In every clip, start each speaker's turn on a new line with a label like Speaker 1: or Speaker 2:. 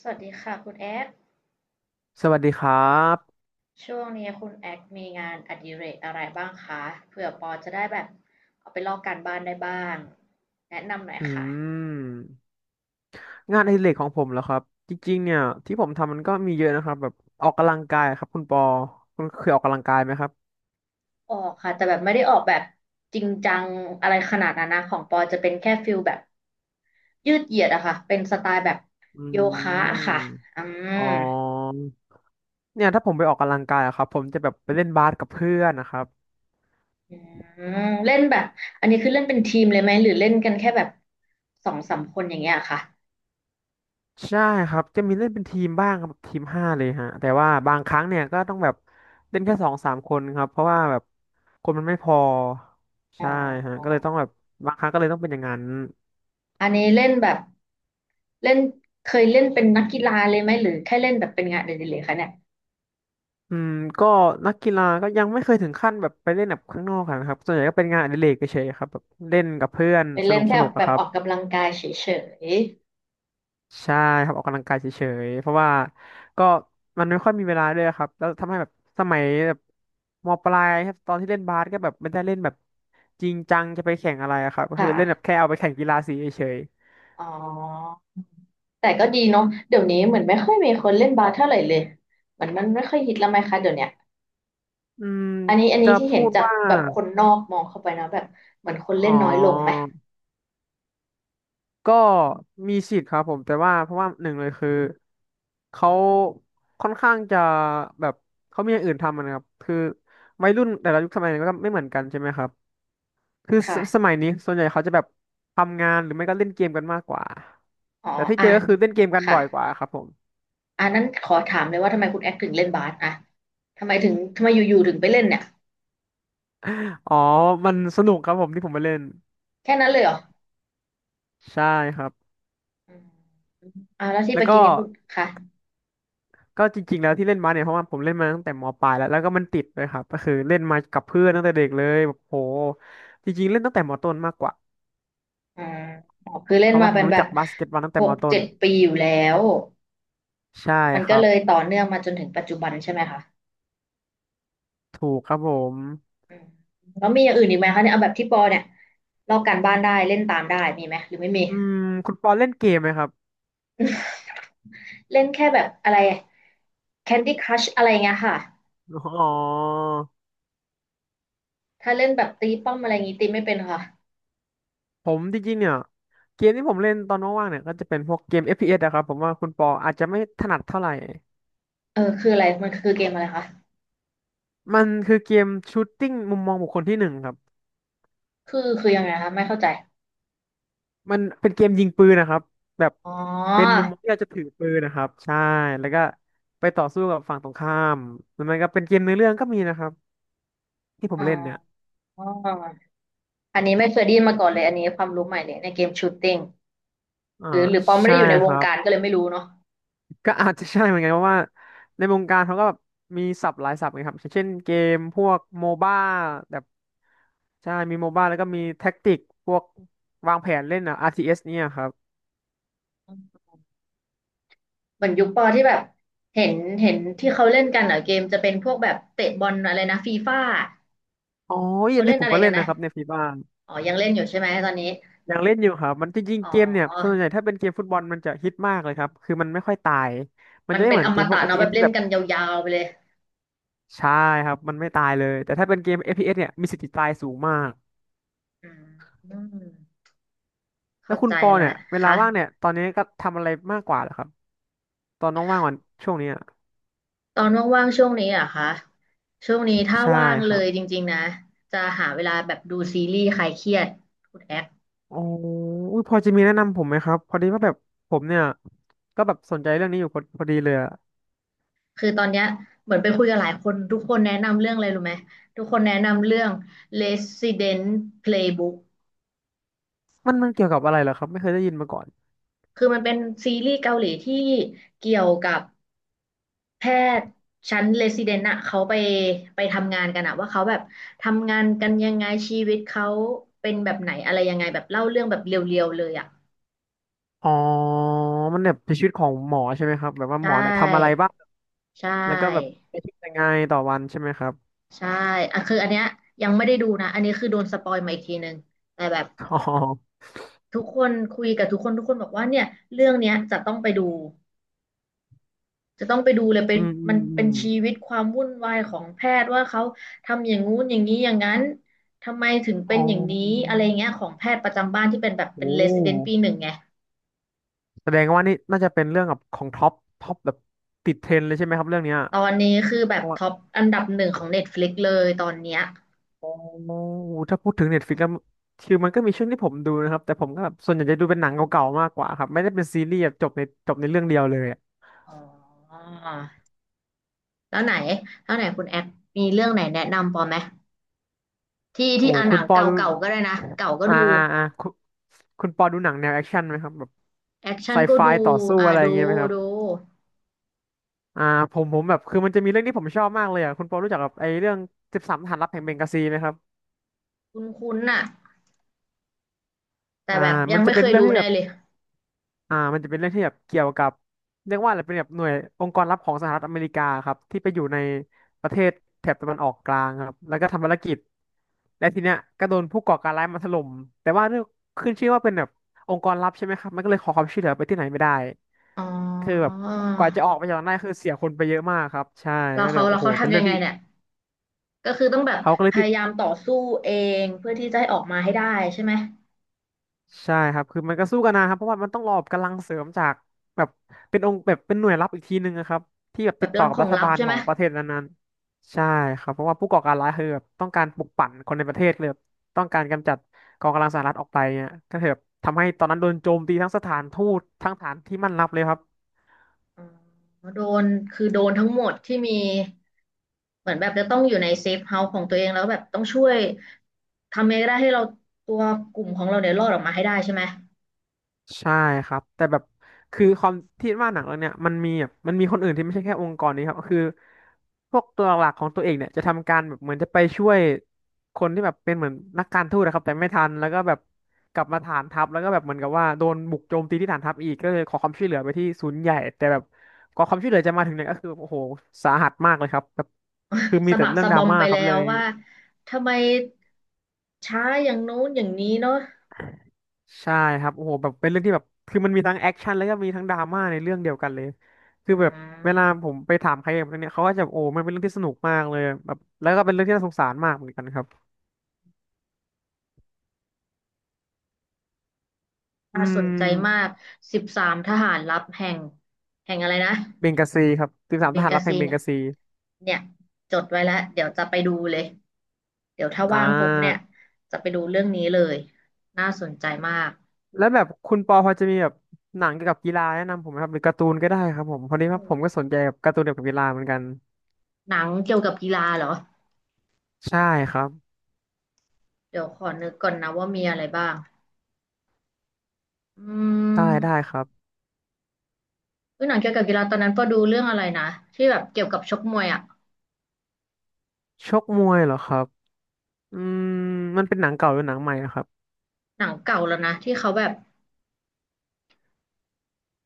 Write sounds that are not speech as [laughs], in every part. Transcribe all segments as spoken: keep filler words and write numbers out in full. Speaker 1: สวัสดีค่ะคุณแอค
Speaker 2: สวัสดีครับ
Speaker 1: ช่วงนี้คุณแอคมีงานอดิเรกอะไรบ้างคะเผื่อปอจะได้แบบเอาไปลอกการบ้านได้บ้างแนะนำหน่อย
Speaker 2: อื
Speaker 1: ค่ะ
Speaker 2: ม งานอดิเรกของผมเหรอครับจริงๆเนี่ยที่ผมทำมันก็มีเยอะนะครับแบบออกกำลังกายครับคุณปอคุณเคยออกกำลังกายไหมครับ
Speaker 1: ออกค่ะแต่แบบไม่ได้ออกแบบจริงจังอะไรขนาดนั้นนะของปอจะเป็นแค่ฟิลแบบยืดเหยียดอะค่ะเป็นสไตล์แบบ
Speaker 2: อื
Speaker 1: โยคะอะค่ะ
Speaker 2: ม
Speaker 1: อืม
Speaker 2: อ๋อเนี่ยถ้าผมไปออกกำลังกายอะครับผมจะแบบไปเล่นบาสกับเพื่อนนะครับ
Speaker 1: อืมเล่นแบบอันนี้คือเล่นเป็นทีมเลยไหมหรือเล่นกันแค่แบบสองสามคนอย่างเงี้ยค่ะ
Speaker 2: ใช่ครับจะมีเล่นเป็นทีมบ้างครับทีมห้าเลยฮะแต่ว่าบางครั้งเนี่ยก็ต้องแบบเล่นแค่สองสามคนครับเพราะว่าแบบคนมันไม่พอ
Speaker 1: อ๋
Speaker 2: ใช่ฮะก็เล
Speaker 1: อ
Speaker 2: ยต้องแบบบางครั้งก็เลยต้องเป็นอย่างนั้น
Speaker 1: อันนี้เล่นแบบ เล่นเคยเล่นเป็นนักกีฬาเลยไหมหรือแค่เล่นแบบเป็นงานเดลิเลยคะเนี่ย
Speaker 2: อืมก็นักกีฬาก็ยังไม่เคยถึงขั้นแบบไปเล่นแบบข้างนอกอะนะครับส่วนใหญ่ก็เป็นงานอดิเรกเฉยๆครับแบบเล่นกับเพื่อน
Speaker 1: เป็น
Speaker 2: ส
Speaker 1: เล่
Speaker 2: นุ
Speaker 1: น
Speaker 2: กส
Speaker 1: แค่
Speaker 2: นุก
Speaker 1: แบ
Speaker 2: อะค
Speaker 1: บ
Speaker 2: รั
Speaker 1: อ
Speaker 2: บ
Speaker 1: อกกำลังกายเฉย
Speaker 2: ใช่ครับออกกำลังกายเฉยๆเพราะว่าก็มันไม่ค่อยมีเวลาด้วยครับแล้วทำให้แบบสมัยแบบมปลายครับตอนที่เล่นบาสก็แบบไม่ได้เล่นแบบจริงจังจะไปแข่งอะไรอะครับ
Speaker 1: ๆ
Speaker 2: ก็คื
Speaker 1: ค่ะ
Speaker 2: อเล่นแบบแค่เอาไปแข่งกีฬาสีเฉย
Speaker 1: อ๋อแต่ก็ดีเนาะเดี๋ยวนี้เหมือนไม่ค่อยมีคนเล่นบาสเท่าไหร่เลยเหมือนมันไม่ค่อยฮิตแล้วไหมคะเดี๋ยวเนี้ย
Speaker 2: ๆอืม
Speaker 1: อันนี้อันนี้
Speaker 2: จะ
Speaker 1: ที่เห็
Speaker 2: พู
Speaker 1: น
Speaker 2: ด
Speaker 1: จาก
Speaker 2: ว่า
Speaker 1: แบบคนนอกมองเข้าไปนะแบบเหมือนคนเล่
Speaker 2: อ๋อ
Speaker 1: นน้อยลงไหม
Speaker 2: ก็มีสิทธิ์ครับผมแต่ว่าเพราะว่าหนึ่งเลยคือเขาค่อนข้างจะแบบเขามีอย่างอื่นทำอะนะครับคือวัยรุ่นแต่ละยุคสมัยเนี่ยก็ไม่เหมือนกันใช่ไหมครับคือ
Speaker 1: ค
Speaker 2: สสมัย
Speaker 1: ่ะ
Speaker 2: นี้ส่วนใหญ่เขาจะแบบทำงานหรือไม่ก็เล่นเกมกันมากกว่า
Speaker 1: อ๋อ
Speaker 2: แต่ที่เจ
Speaker 1: อ่า
Speaker 2: อก็
Speaker 1: น
Speaker 2: คือเล่นเกมกัน
Speaker 1: ค่ะ
Speaker 2: บ่อยกว่าครับผม
Speaker 1: อันนั้นขอถามเลยว่าทำไมคุณแอคถึงเล่นบาสอะทำไมถึงทำไมอยู่ๆถึงไปเล่นเนี่ย
Speaker 2: [laughs] อ๋อมันสนุกครับผมที่ผมไปเล่น
Speaker 1: แค่นั้นเลยเหรอ
Speaker 2: ใช่ครับ
Speaker 1: อืมอ่าแล้วที่
Speaker 2: แล้
Speaker 1: ไป
Speaker 2: ว
Speaker 1: กิ
Speaker 2: ก็
Speaker 1: นนี่คุณค่ะ
Speaker 2: ก็จริงๆแล้วที่เล่นมาเนี่ยเพราะว่าผมเล่นมาตั้งแต่มปลายแล้วแล้วก็มันติดเลยครับก็คือเล่นมากับเพื่อนตั้งแต่เด็กเลยแบบโหจริงๆเล่นตั้งแต่มต้นมากกว่า
Speaker 1: อ่าอ๋อคือเล่
Speaker 2: เพ
Speaker 1: น
Speaker 2: ราะ
Speaker 1: มา
Speaker 2: ว่าผ
Speaker 1: เป็
Speaker 2: ม
Speaker 1: น
Speaker 2: รู้
Speaker 1: แบบ
Speaker 2: จักบาสเกตบอลตั้ง
Speaker 1: ห
Speaker 2: แต่ม
Speaker 1: ก
Speaker 2: ต้
Speaker 1: เจ็
Speaker 2: น
Speaker 1: ดปีอยู่แล้ว
Speaker 2: ใช่
Speaker 1: มัน
Speaker 2: ค
Speaker 1: ก็
Speaker 2: รับ
Speaker 1: เลยต่อเนื่องมาจนถึงปัจจุบันใช่ไหมคะ
Speaker 2: ถูกครับผม
Speaker 1: อืมแล้วมีอย่างอื่นอีกไหมคะเนี่ยเอาแบบที่ปอเนี่ยลอกการบ้านได้เล่นตามได้มีไหมหรือไม่มี
Speaker 2: อืมคุณปอเล่นเกมไหมครับ
Speaker 1: เล่นแค่แบบอะไร Candy Crush อะไรเงี้ยค่ะ
Speaker 2: อ๋อ
Speaker 1: ถ้าเล่นแบบตีป้อมอะไรงี้ตีไม่เป็นค่ะ
Speaker 2: ผมจริงๆเนี่ยเกมที่ผมเล่นตอนว่างๆเนี่ยก็จะเป็นพวกเกม เอฟ พี เอส นะครับผมว่าคุณปออาจจะไม่ถนัดเท่าไหร่
Speaker 1: เออคืออะไรมันคือเกมอะไรคะ
Speaker 2: มันคือเกมชูตติ้งมุมมองบุคคลที่หนึ่งครับ
Speaker 1: คือคือยังไงคะไม่เข้าใจ
Speaker 2: มันเป็นเกมยิงปืนนะครับแบบ
Speaker 1: อ๋อ
Speaker 2: เป็นมุมมองที่เราจะถือปืนนะครับใช่แล้วก็ไปต่อสู้กับฝั่งตรงข้ามแล้วมันก็เป็นเกมเนื้อเรื่องก็มีนะครับที่ผม
Speaker 1: อ๋อ
Speaker 2: เล่นเนี่ย
Speaker 1: อันนี้ไม่เคยได้ยินมาก่อนเลยอันนี้ความรู้ใหม่เลยในเกมชูตติ้ง
Speaker 2: อ่า
Speaker 1: หรือหรือปอไม่
Speaker 2: ใช่
Speaker 1: ได้อยู่ใน
Speaker 2: ค
Speaker 1: วง
Speaker 2: รับ
Speaker 1: การก็เลยไม่รู้เนาะ
Speaker 2: ก็อาจจะใช่เหมือนกันเพราะว่าในวงการเขาก็แบบมีศัพท์หลายศัพท์ไงครับเช่นเกมพวกโมบ้าแบบใช่มีโมบ้าแล้วก็มีแท็กติกพวกวางแผนเล่นอ่ะ อาร์ ที เอส เอสเนี่ยครับ
Speaker 1: เหมือนยุคปอที่แบบเห็นเห็นที่เขาเล่นกันเหรอเกมจะเป็นพวกแบบเตะบอลอะไรนะฟีฟ่า
Speaker 2: อ๋อ
Speaker 1: เขา
Speaker 2: อัน
Speaker 1: เล่
Speaker 2: นี้
Speaker 1: น
Speaker 2: ผ
Speaker 1: อะ
Speaker 2: ม
Speaker 1: ไร
Speaker 2: ก็เล่
Speaker 1: กัน
Speaker 2: น
Speaker 1: นะ
Speaker 2: นะครับในฟีบ้า
Speaker 1: อ๋อยังเล่นอยู่ใช่ไหมตอนนี้
Speaker 2: ยังเล่นอยู่ครับมันจริง
Speaker 1: อ๋
Speaker 2: ๆเกมเนี่ยส่ว
Speaker 1: อ
Speaker 2: นใหญ่ถ้าเป็นเกมฟุตบอลมันจะฮิตมากเลยครับคือมันไม่ค่อยตายมัน
Speaker 1: มัน
Speaker 2: จะไม่
Speaker 1: เป็น
Speaker 2: เหมือ
Speaker 1: อ
Speaker 2: นเก
Speaker 1: ม
Speaker 2: มพว
Speaker 1: ตะ
Speaker 2: ก
Speaker 1: เนาะแบ
Speaker 2: เอฟ พี เอส
Speaker 1: บ
Speaker 2: ที่
Speaker 1: เล่น
Speaker 2: แบบ
Speaker 1: กันยาวๆไปเลย
Speaker 2: ใช่ครับมันไม่ตายเลยแต่ถ้าเป็นเกม เอฟ พี เอส เอสเนี่ยมีสิทธิ์ตายสูงมาก
Speaker 1: อืมอืม
Speaker 2: แล้
Speaker 1: เข้า
Speaker 2: วคุ
Speaker 1: ใจ
Speaker 2: ณปอเนี่
Speaker 1: แล้
Speaker 2: ย
Speaker 1: ว
Speaker 2: เวลา
Speaker 1: ค่ะ
Speaker 2: ว่างเนี่ยตอนนี้ก็ทำอะไรมากกว่าเหรอครับตอนน้องว่างวันช่วงนี้อะ
Speaker 1: ตอนว่างๆช่วงนี้เหรอะคะช่วงนี้ถ้า
Speaker 2: ใช่
Speaker 1: ว่าง
Speaker 2: ค
Speaker 1: เล
Speaker 2: รับ
Speaker 1: ยจริงๆนะจะหาเวลาแบบดูซีรีส์คลายเครียดคุณแอค
Speaker 2: โอ้อุ๊ยพอจะมีแนะนำผมไหมครับพอดีว่าแบบผมเนี่ยก็แบบสนใจเรื่องนี้อยู่พอพอดีเลยอะ
Speaker 1: คือตอนเนี้ยเหมือนไปคุยกับหลายคนทุกคนแนะนำเรื่องอะไรรู้ไหมทุกคนแนะนำเรื่อง Resident Playbook
Speaker 2: มันมันเกี่ยวกับอะไรเหรอครับไม่เคยได้ยินมาก่อน
Speaker 1: คือมันเป็นซีรีส์เกาหลีที่เกี่ยวกับแพทย์ชั้น Resident อะเขาไปไปทำงานกันอะว่าเขาแบบทำงานกันยังไงชีวิตเขาเป็นแบบไหนอะไรยังไงแบบเล่าเรื่องแบบเรียวๆเลยอะ
Speaker 2: อ๋อมันแบบเป็นชีวิตของหมอใช่ไหมครับแบบว่า
Speaker 1: ใช
Speaker 2: หมอเนี่ยทำอะไร
Speaker 1: ่
Speaker 2: บ้าง
Speaker 1: ใช
Speaker 2: แล้วก็แบบ
Speaker 1: ่
Speaker 2: ใช้ชีวิตยังไงต่อวันใช่ไหมครับ
Speaker 1: ใช่อ่ะคืออันเนี้ยยังไม่ได้ดูนะอันนี้คือโดนสปอยมาอีกทีนึงแต่แบบ
Speaker 2: อ๋อ
Speaker 1: ทุกคนคุยกับทุกคนทุกคนบอกว่าเนี่ยเรื่องเนี้ยจะต้องไปดูจะต้องไปดูเลยเป็
Speaker 2: อื
Speaker 1: น
Speaker 2: มอื
Speaker 1: มั
Speaker 2: ม
Speaker 1: น
Speaker 2: อื
Speaker 1: เป็น
Speaker 2: ม
Speaker 1: ชีวิตความวุ่นวายของแพทย์ว่าเขาทำอย่างงู้นอย่างนี้อย่างนั้นทำไมถึง
Speaker 2: อ๋
Speaker 1: เป็
Speaker 2: อ
Speaker 1: นอย่างนี้อะไรเงี้ยของแพทย์ประจำบ้านที่เป็นแบบเป็น
Speaker 2: โอ้
Speaker 1: เรซิเดนต์ปีหนึ่งไง
Speaker 2: แสดงว่านี่น่าจะเป็นเรื่องกับของท็อปท็อปแบบติดเทรนด์เลยใช่ไหมครับเรื่องเนี้ย
Speaker 1: ตอนนี้คือแบ
Speaker 2: เพ
Speaker 1: บ
Speaker 2: ราะว่า
Speaker 1: ท็อปอันดับหนึ่งของ Netflix เลยตอนเนี้ย
Speaker 2: โอถ้าพูดถึงเน็ตฟิกแล้วคือมันก็มีช่วงที่ผมดูนะครับแต่ผมก็แบบส่วนใหญ่จะดูเป็นหนังเก่าๆมากกว่าครับไม่ได้เป็นซีรีส์แบบจบในจบในเรื่องเดียวเลยอะ
Speaker 1: อ๋อแล้วไหนแล้วไหนคุณแอคมีเรื่องไหนแนะนำปอไหมที่ที่
Speaker 2: โอ้
Speaker 1: อ่าห
Speaker 2: คุ
Speaker 1: นั
Speaker 2: ณ
Speaker 1: ง
Speaker 2: ปอ
Speaker 1: เก่
Speaker 2: ดู
Speaker 1: าๆก็ได้นะเก่าก็
Speaker 2: อ่า
Speaker 1: ดู
Speaker 2: อ่าอ่าคุณคุณปอดูหนังแนวแอคชั่นไหมครับแบบ
Speaker 1: แอคชั่
Speaker 2: ไซ
Speaker 1: นก็
Speaker 2: ไฟ
Speaker 1: ดู
Speaker 2: ต่อสู้
Speaker 1: อ่า
Speaker 2: อะไรอ
Speaker 1: ดู
Speaker 2: ย่างเงี้ยไหมครับ
Speaker 1: ดู
Speaker 2: อ่าผมผมแบบคือมันจะมีเรื่องที่ผมชอบมากเลยอ่ะคุณปอรู้จักกับไอ้เรื่องสิบสามทหารลับแห่งเบงกาซีไหมครับ
Speaker 1: คุ้นๆน่ะแต่
Speaker 2: อ่า
Speaker 1: แบบยั
Speaker 2: มั
Speaker 1: ง
Speaker 2: นจะ
Speaker 1: ไม่
Speaker 2: เป็
Speaker 1: เค
Speaker 2: น
Speaker 1: ย
Speaker 2: เรื่อ
Speaker 1: ดู
Speaker 2: งที่
Speaker 1: แน่
Speaker 2: แบบ
Speaker 1: เลย
Speaker 2: อ่ามันจะเป็นเรื่องที่แบบเกี่ยวกับเรียกว่าอะไรเป็นแบบหน่วยองค์กรลับของสหรัฐอเมริกาครับที่ไปอยู่ในประเทศแถบตะวันออกกลางครับแล้วก็ทำภารกิจและทีเนี้ยก็โดนผู้ก่อการร้ายมาถล่มแต่ว่าเรื่องขึ้นชื่อว่าเป็นแบบองค์กรลับใช่ไหมครับมันก็เลยขอความช่วยเหลือไปที่ไหนไม่ได้
Speaker 1: อ๋อ
Speaker 2: คือแบบกว่าจะออกไปจากนั้นได้คือเสียคนไปเยอะมากครับใช่
Speaker 1: แล้
Speaker 2: ก็
Speaker 1: ว
Speaker 2: เลย
Speaker 1: เขา
Speaker 2: แบบ
Speaker 1: แล้
Speaker 2: โอ้
Speaker 1: ว
Speaker 2: โห
Speaker 1: เขา
Speaker 2: เป็น
Speaker 1: ทำ
Speaker 2: เรื่
Speaker 1: ยั
Speaker 2: อ
Speaker 1: ง
Speaker 2: ง
Speaker 1: ไง
Speaker 2: ที่
Speaker 1: เนี่ยก็คือต้องแบบ
Speaker 2: เขาก็เล
Speaker 1: พ
Speaker 2: ยติด
Speaker 1: ยายามต่อสู้เองเพื่อที่จะให้ออกมาให้ได้ใช่ไหม
Speaker 2: ใช่ครับคือมันก็สู้กันนะครับเพราะว่ามันต้องรอกำลังเสริมจากแบบเป็นองค์แบบเป็นหน่วยลับอีกทีนึงนะครับที่แบบ
Speaker 1: แบ
Speaker 2: ติด
Speaker 1: บ
Speaker 2: ต่
Speaker 1: รั
Speaker 2: อ
Speaker 1: บ
Speaker 2: กั
Speaker 1: ข
Speaker 2: บ
Speaker 1: อ
Speaker 2: รั
Speaker 1: ง
Speaker 2: ฐ
Speaker 1: ลับ
Speaker 2: บาล
Speaker 1: ใช่
Speaker 2: ข
Speaker 1: ไห
Speaker 2: อ
Speaker 1: ม
Speaker 2: งประเทศนั้นๆใช่ครับเพราะว่าผู้ก่อการร้ายคือแบบต้องการปลุกปั่นคนในประเทศเลยแบบต้องการกำจัดกองกำลังสหรัฐออกไปเนี่ยก็คือแบบทำให้ตอนนั้นโดนโจมตีทั้งสถานทูตทั้งฐานที่มั่นรับเลยครับ
Speaker 1: อ๋อโดนคือโดนทั้งหมดที่มีเหมือนแบบจะต้องอยู่ในเซฟเฮาส์ของตัวเองแล้วแบบต้องช่วยทำยังไงก็ได้ให้เราตัวกลุ่มของเราเนี่ยรอดออกมาให้ได้ใช่ไหม
Speaker 2: ใช่ครับแต่แบบคือความที่ว่าหนังเรื่องเนี้ยมันมีแบบมันมีคนอื่นที่ไม่ใช่แค่องค์กรนี้ครับคือพวกตัวหลักของตัวเองเนี่ยจะทำการแบบเหมือนจะไปช่วยคนที่แบบเป็นเหมือนนักการทูตนะครับแต่ไม่ทันแล้วก็แบบกลับมาฐานทัพแล้วก็แบบเหมือนกับว่าโดนบุกโจมตีที่ฐานทัพอีกก็เลยขอความช่วยเหลือไปที่ศูนย์ใหญ่แต่แบบกว่าความช่วยเหลือจะมาถึงเนี่ยก็คือโอ้โหสาหัสมากเลยครับแบบคือมี
Speaker 1: สะ
Speaker 2: แต่
Speaker 1: บัก
Speaker 2: เรื่อง
Speaker 1: สะ
Speaker 2: ด
Speaker 1: บ
Speaker 2: รา
Speaker 1: อม
Speaker 2: ม่า
Speaker 1: ไป
Speaker 2: ครั
Speaker 1: แล้
Speaker 2: บเล
Speaker 1: ว
Speaker 2: ย
Speaker 1: ว่าทำไมช้าอย่างโน้นอย่างนี้เนาะ
Speaker 2: ใช่ครับโอ้โหแบบเป็นเรื่องที่แบบคือมันมีทั้งแอคชั่นแล้วก็มีทั้งดราม่าในเรื่องเดียวกันเลย
Speaker 1: อื
Speaker 2: คือแบบเวลา
Speaker 1: ม
Speaker 2: ผมไปถามใครแบบเรื่องเนี้ยเขาก็จะโอ้มันเป็นเรื่องที่สนุกมากเลยแบบแล้วก็เป็นเรื่องที่น่าสงสารมากเหมือนกันครับอื
Speaker 1: น่าสนใจมา
Speaker 2: ม
Speaker 1: กสิบสามทหารลับแห่งแห่งอะไรนะ
Speaker 2: เบงกาซีครับสิ
Speaker 1: ข
Speaker 2: บ
Speaker 1: อง
Speaker 2: สาม
Speaker 1: เบ
Speaker 2: ท
Speaker 1: ง
Speaker 2: หาร
Speaker 1: กา
Speaker 2: รับ
Speaker 1: ซี
Speaker 2: แห่งเบง
Speaker 1: เนี่ย
Speaker 2: กาซี
Speaker 1: เนี่ยจดไว้แล้ว เดี๋ยวจะไปดูเลย เดี๋ยวถ้า
Speaker 2: อ่
Speaker 1: ว่างปุ๊บเนี่ย
Speaker 2: า
Speaker 1: จะไปดูเรื่องนี้เลย น่าสนใจมาก
Speaker 2: แล้วแบบคุณปอพอจะมีแบบหนังเกี่ยวกับกีฬาแนะนำผมไหมครับหรือการ์ตูนก็ได้ครับผมพอดี
Speaker 1: อื
Speaker 2: ว่าผ
Speaker 1: ม
Speaker 2: มก็สนใจกับการ์ตูนเกี่ยวกับกีฬาเหมือนกัน
Speaker 1: หนังเกี่ยวกับกีฬาเหรอ
Speaker 2: ใช่ครับ
Speaker 1: เดี๋ยวขอนึกก่อนนะว่ามีอะไรบ้างอื
Speaker 2: ได้ได้ค
Speaker 1: ม
Speaker 2: รับ
Speaker 1: อุ๊ยหนังเกี่ยวกับกีฬาตอนนั้นพอดูเรื่องอะไรนะที่แบบเกี่ยวกับชกมวยอะ
Speaker 2: ชกมวยเหรอครับอืมมันเป็นหนังเก่าหรือหนังใหม่นะครับ
Speaker 1: หนังเก่าแล้วนะที่เขาแบบ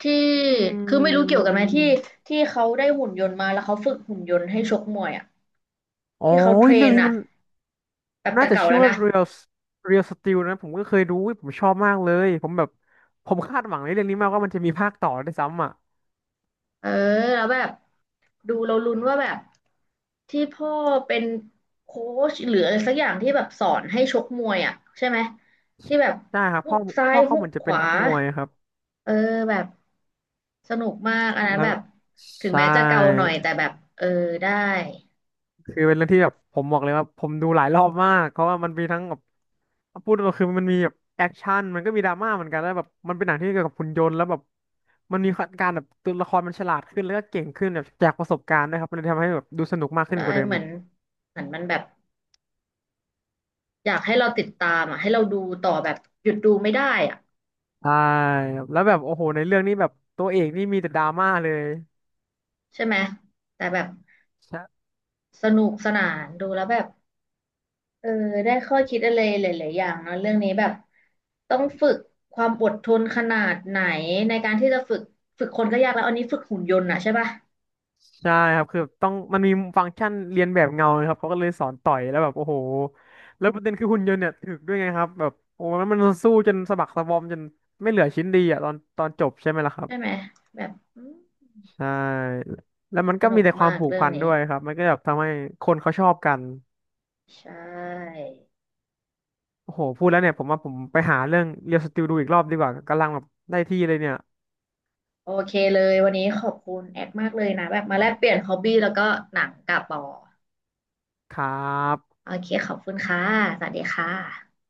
Speaker 1: ที่
Speaker 2: อื
Speaker 1: คือไม่รู้เกี่ยวกันไหมที่
Speaker 2: ม
Speaker 1: ที่เขาได้หุ่นยนต์มาแล้วเขาฝึกหุ่นยนต์ให้ชกมวยอ่ะ
Speaker 2: โอ๋อ
Speaker 1: ที่เขาเทร
Speaker 2: เรื่อง
Speaker 1: น
Speaker 2: นี้
Speaker 1: อ่ะ
Speaker 2: มัน
Speaker 1: แบบ
Speaker 2: น่า
Speaker 1: แต่
Speaker 2: จะ
Speaker 1: เก่า
Speaker 2: ชื่
Speaker 1: แล้
Speaker 2: อ
Speaker 1: ว
Speaker 2: ว่า
Speaker 1: นะ
Speaker 2: Real Real Steel นะผมก็เคยดูอุ๊ยผมชอบมากเลยผมแบบผมคาดหวังในเรื่องนี้มากว่ามันจะมีภาคต่อด้วยซ้ำอ่ะ
Speaker 1: เออแล้วแบบดูเราลุ้นว่าแบบที่พ่อเป็นโค้ชหรืออะไรสักอย่างที่แบบสอนให้ชกมวยอ่ะใช่ไหมที่แบบ
Speaker 2: ใช่ครับ
Speaker 1: ฮุ
Speaker 2: พ่อ
Speaker 1: กซ้า
Speaker 2: พ่
Speaker 1: ย
Speaker 2: อเขา
Speaker 1: ฮุ
Speaker 2: เห
Speaker 1: ก
Speaker 2: มือนจะ
Speaker 1: ข
Speaker 2: เป็น
Speaker 1: วา
Speaker 2: นักมวยครับ
Speaker 1: เออแบบสนุกมากอันนั้น
Speaker 2: แล้
Speaker 1: แบ
Speaker 2: ว
Speaker 1: บถึง
Speaker 2: ใช่
Speaker 1: แม้จะเก่าหน่อยแต่แบบเออได้
Speaker 2: คือเป็นเรื่องที่แบบผมบอกเลยว่าผมดูหลายรอบมากเพราะว่ามันมีทั้งแบบ พูดตรงๆคือมันมีแบบแอคชั่นมันก็มีดราม่าเหมือนกันแล้วแบบมันเป็นหนังที่เกี่ยวกับหุ่นยนต์แล้วแบบมันมีการแบบตัวละครมันฉลาดขึ้นแล้วก็เก่งขึ้นแบบจากประสบการณ์นะครับมันเลยทำให้แบบดูสนุกมากขึ้น
Speaker 1: ได้
Speaker 2: กว่าเดิม
Speaker 1: เหมื
Speaker 2: อี
Speaker 1: อน
Speaker 2: ก
Speaker 1: เหมือนมันแบบ อยากให้เราติดตามอ่ะให้เราดูต่อแบบหยุดดูไม่ได้อ่ะ
Speaker 2: ใช่ครับแล้วแบบโอ้โหในเรื่องนี้แบบตัวเอกนี่มีแต่ดราม่าเลย
Speaker 1: ใช่ไหมแต่แบบ
Speaker 2: ใช่
Speaker 1: สนุกสนานดูแล้วแบบเออได้ข้อคิดอะไรหลายๆอย่างเนอะเรื่องนี้แบบต้องฝึกความอดทนขนาดไหนในการที่จะฝึกฝึกคนก็ยากแล้วอันนี้ฝึกหุ่นยนต์อ่ะใช่ป่ะ
Speaker 2: ใช่ครับคือต้องมันมีฟังก์ชันเรียนแบบเงานะครับเขาก็เลยสอนต่อยแล้วแบบโอ้โหแล้วประเด็นคือหุ่นยนต์เนี่ยถึกด้วยไงครับแบบโอ้โหมันมันสู้จนสะบักสะบอมจนไม่เหลือชิ้นดีอ่ะตอนตอนจบใช่ไหมล่ะครับ
Speaker 1: ใช่ไหมแบบอืม
Speaker 2: ใช่ แล้วมัน
Speaker 1: ส
Speaker 2: ก็
Speaker 1: นุ
Speaker 2: มี
Speaker 1: ก
Speaker 2: แต่ควา
Speaker 1: มา
Speaker 2: ม
Speaker 1: ก
Speaker 2: ผูก
Speaker 1: เรื่อง
Speaker 2: พัน
Speaker 1: นี้
Speaker 2: ด้วยครับ มันก็แบบทำให้คนเขาชอบกัน
Speaker 1: ใช่
Speaker 2: โอ้โหพูดแล้วเนี่ยผมว่าผมไปหาเรื่องเรียลสติลดูอีกรอบดีกว่ากำลังแบบได้ที่เลยเนี่ย
Speaker 1: โอเคเลยวันนี้ขอบคุณแอดมากเลยนะแบบมาแลกเปลี่ยนฮอบบี้แล้วก็หนังกับปอ
Speaker 2: ครับ
Speaker 1: โอเคขอบคุณค่ะสวัสดีค่ะ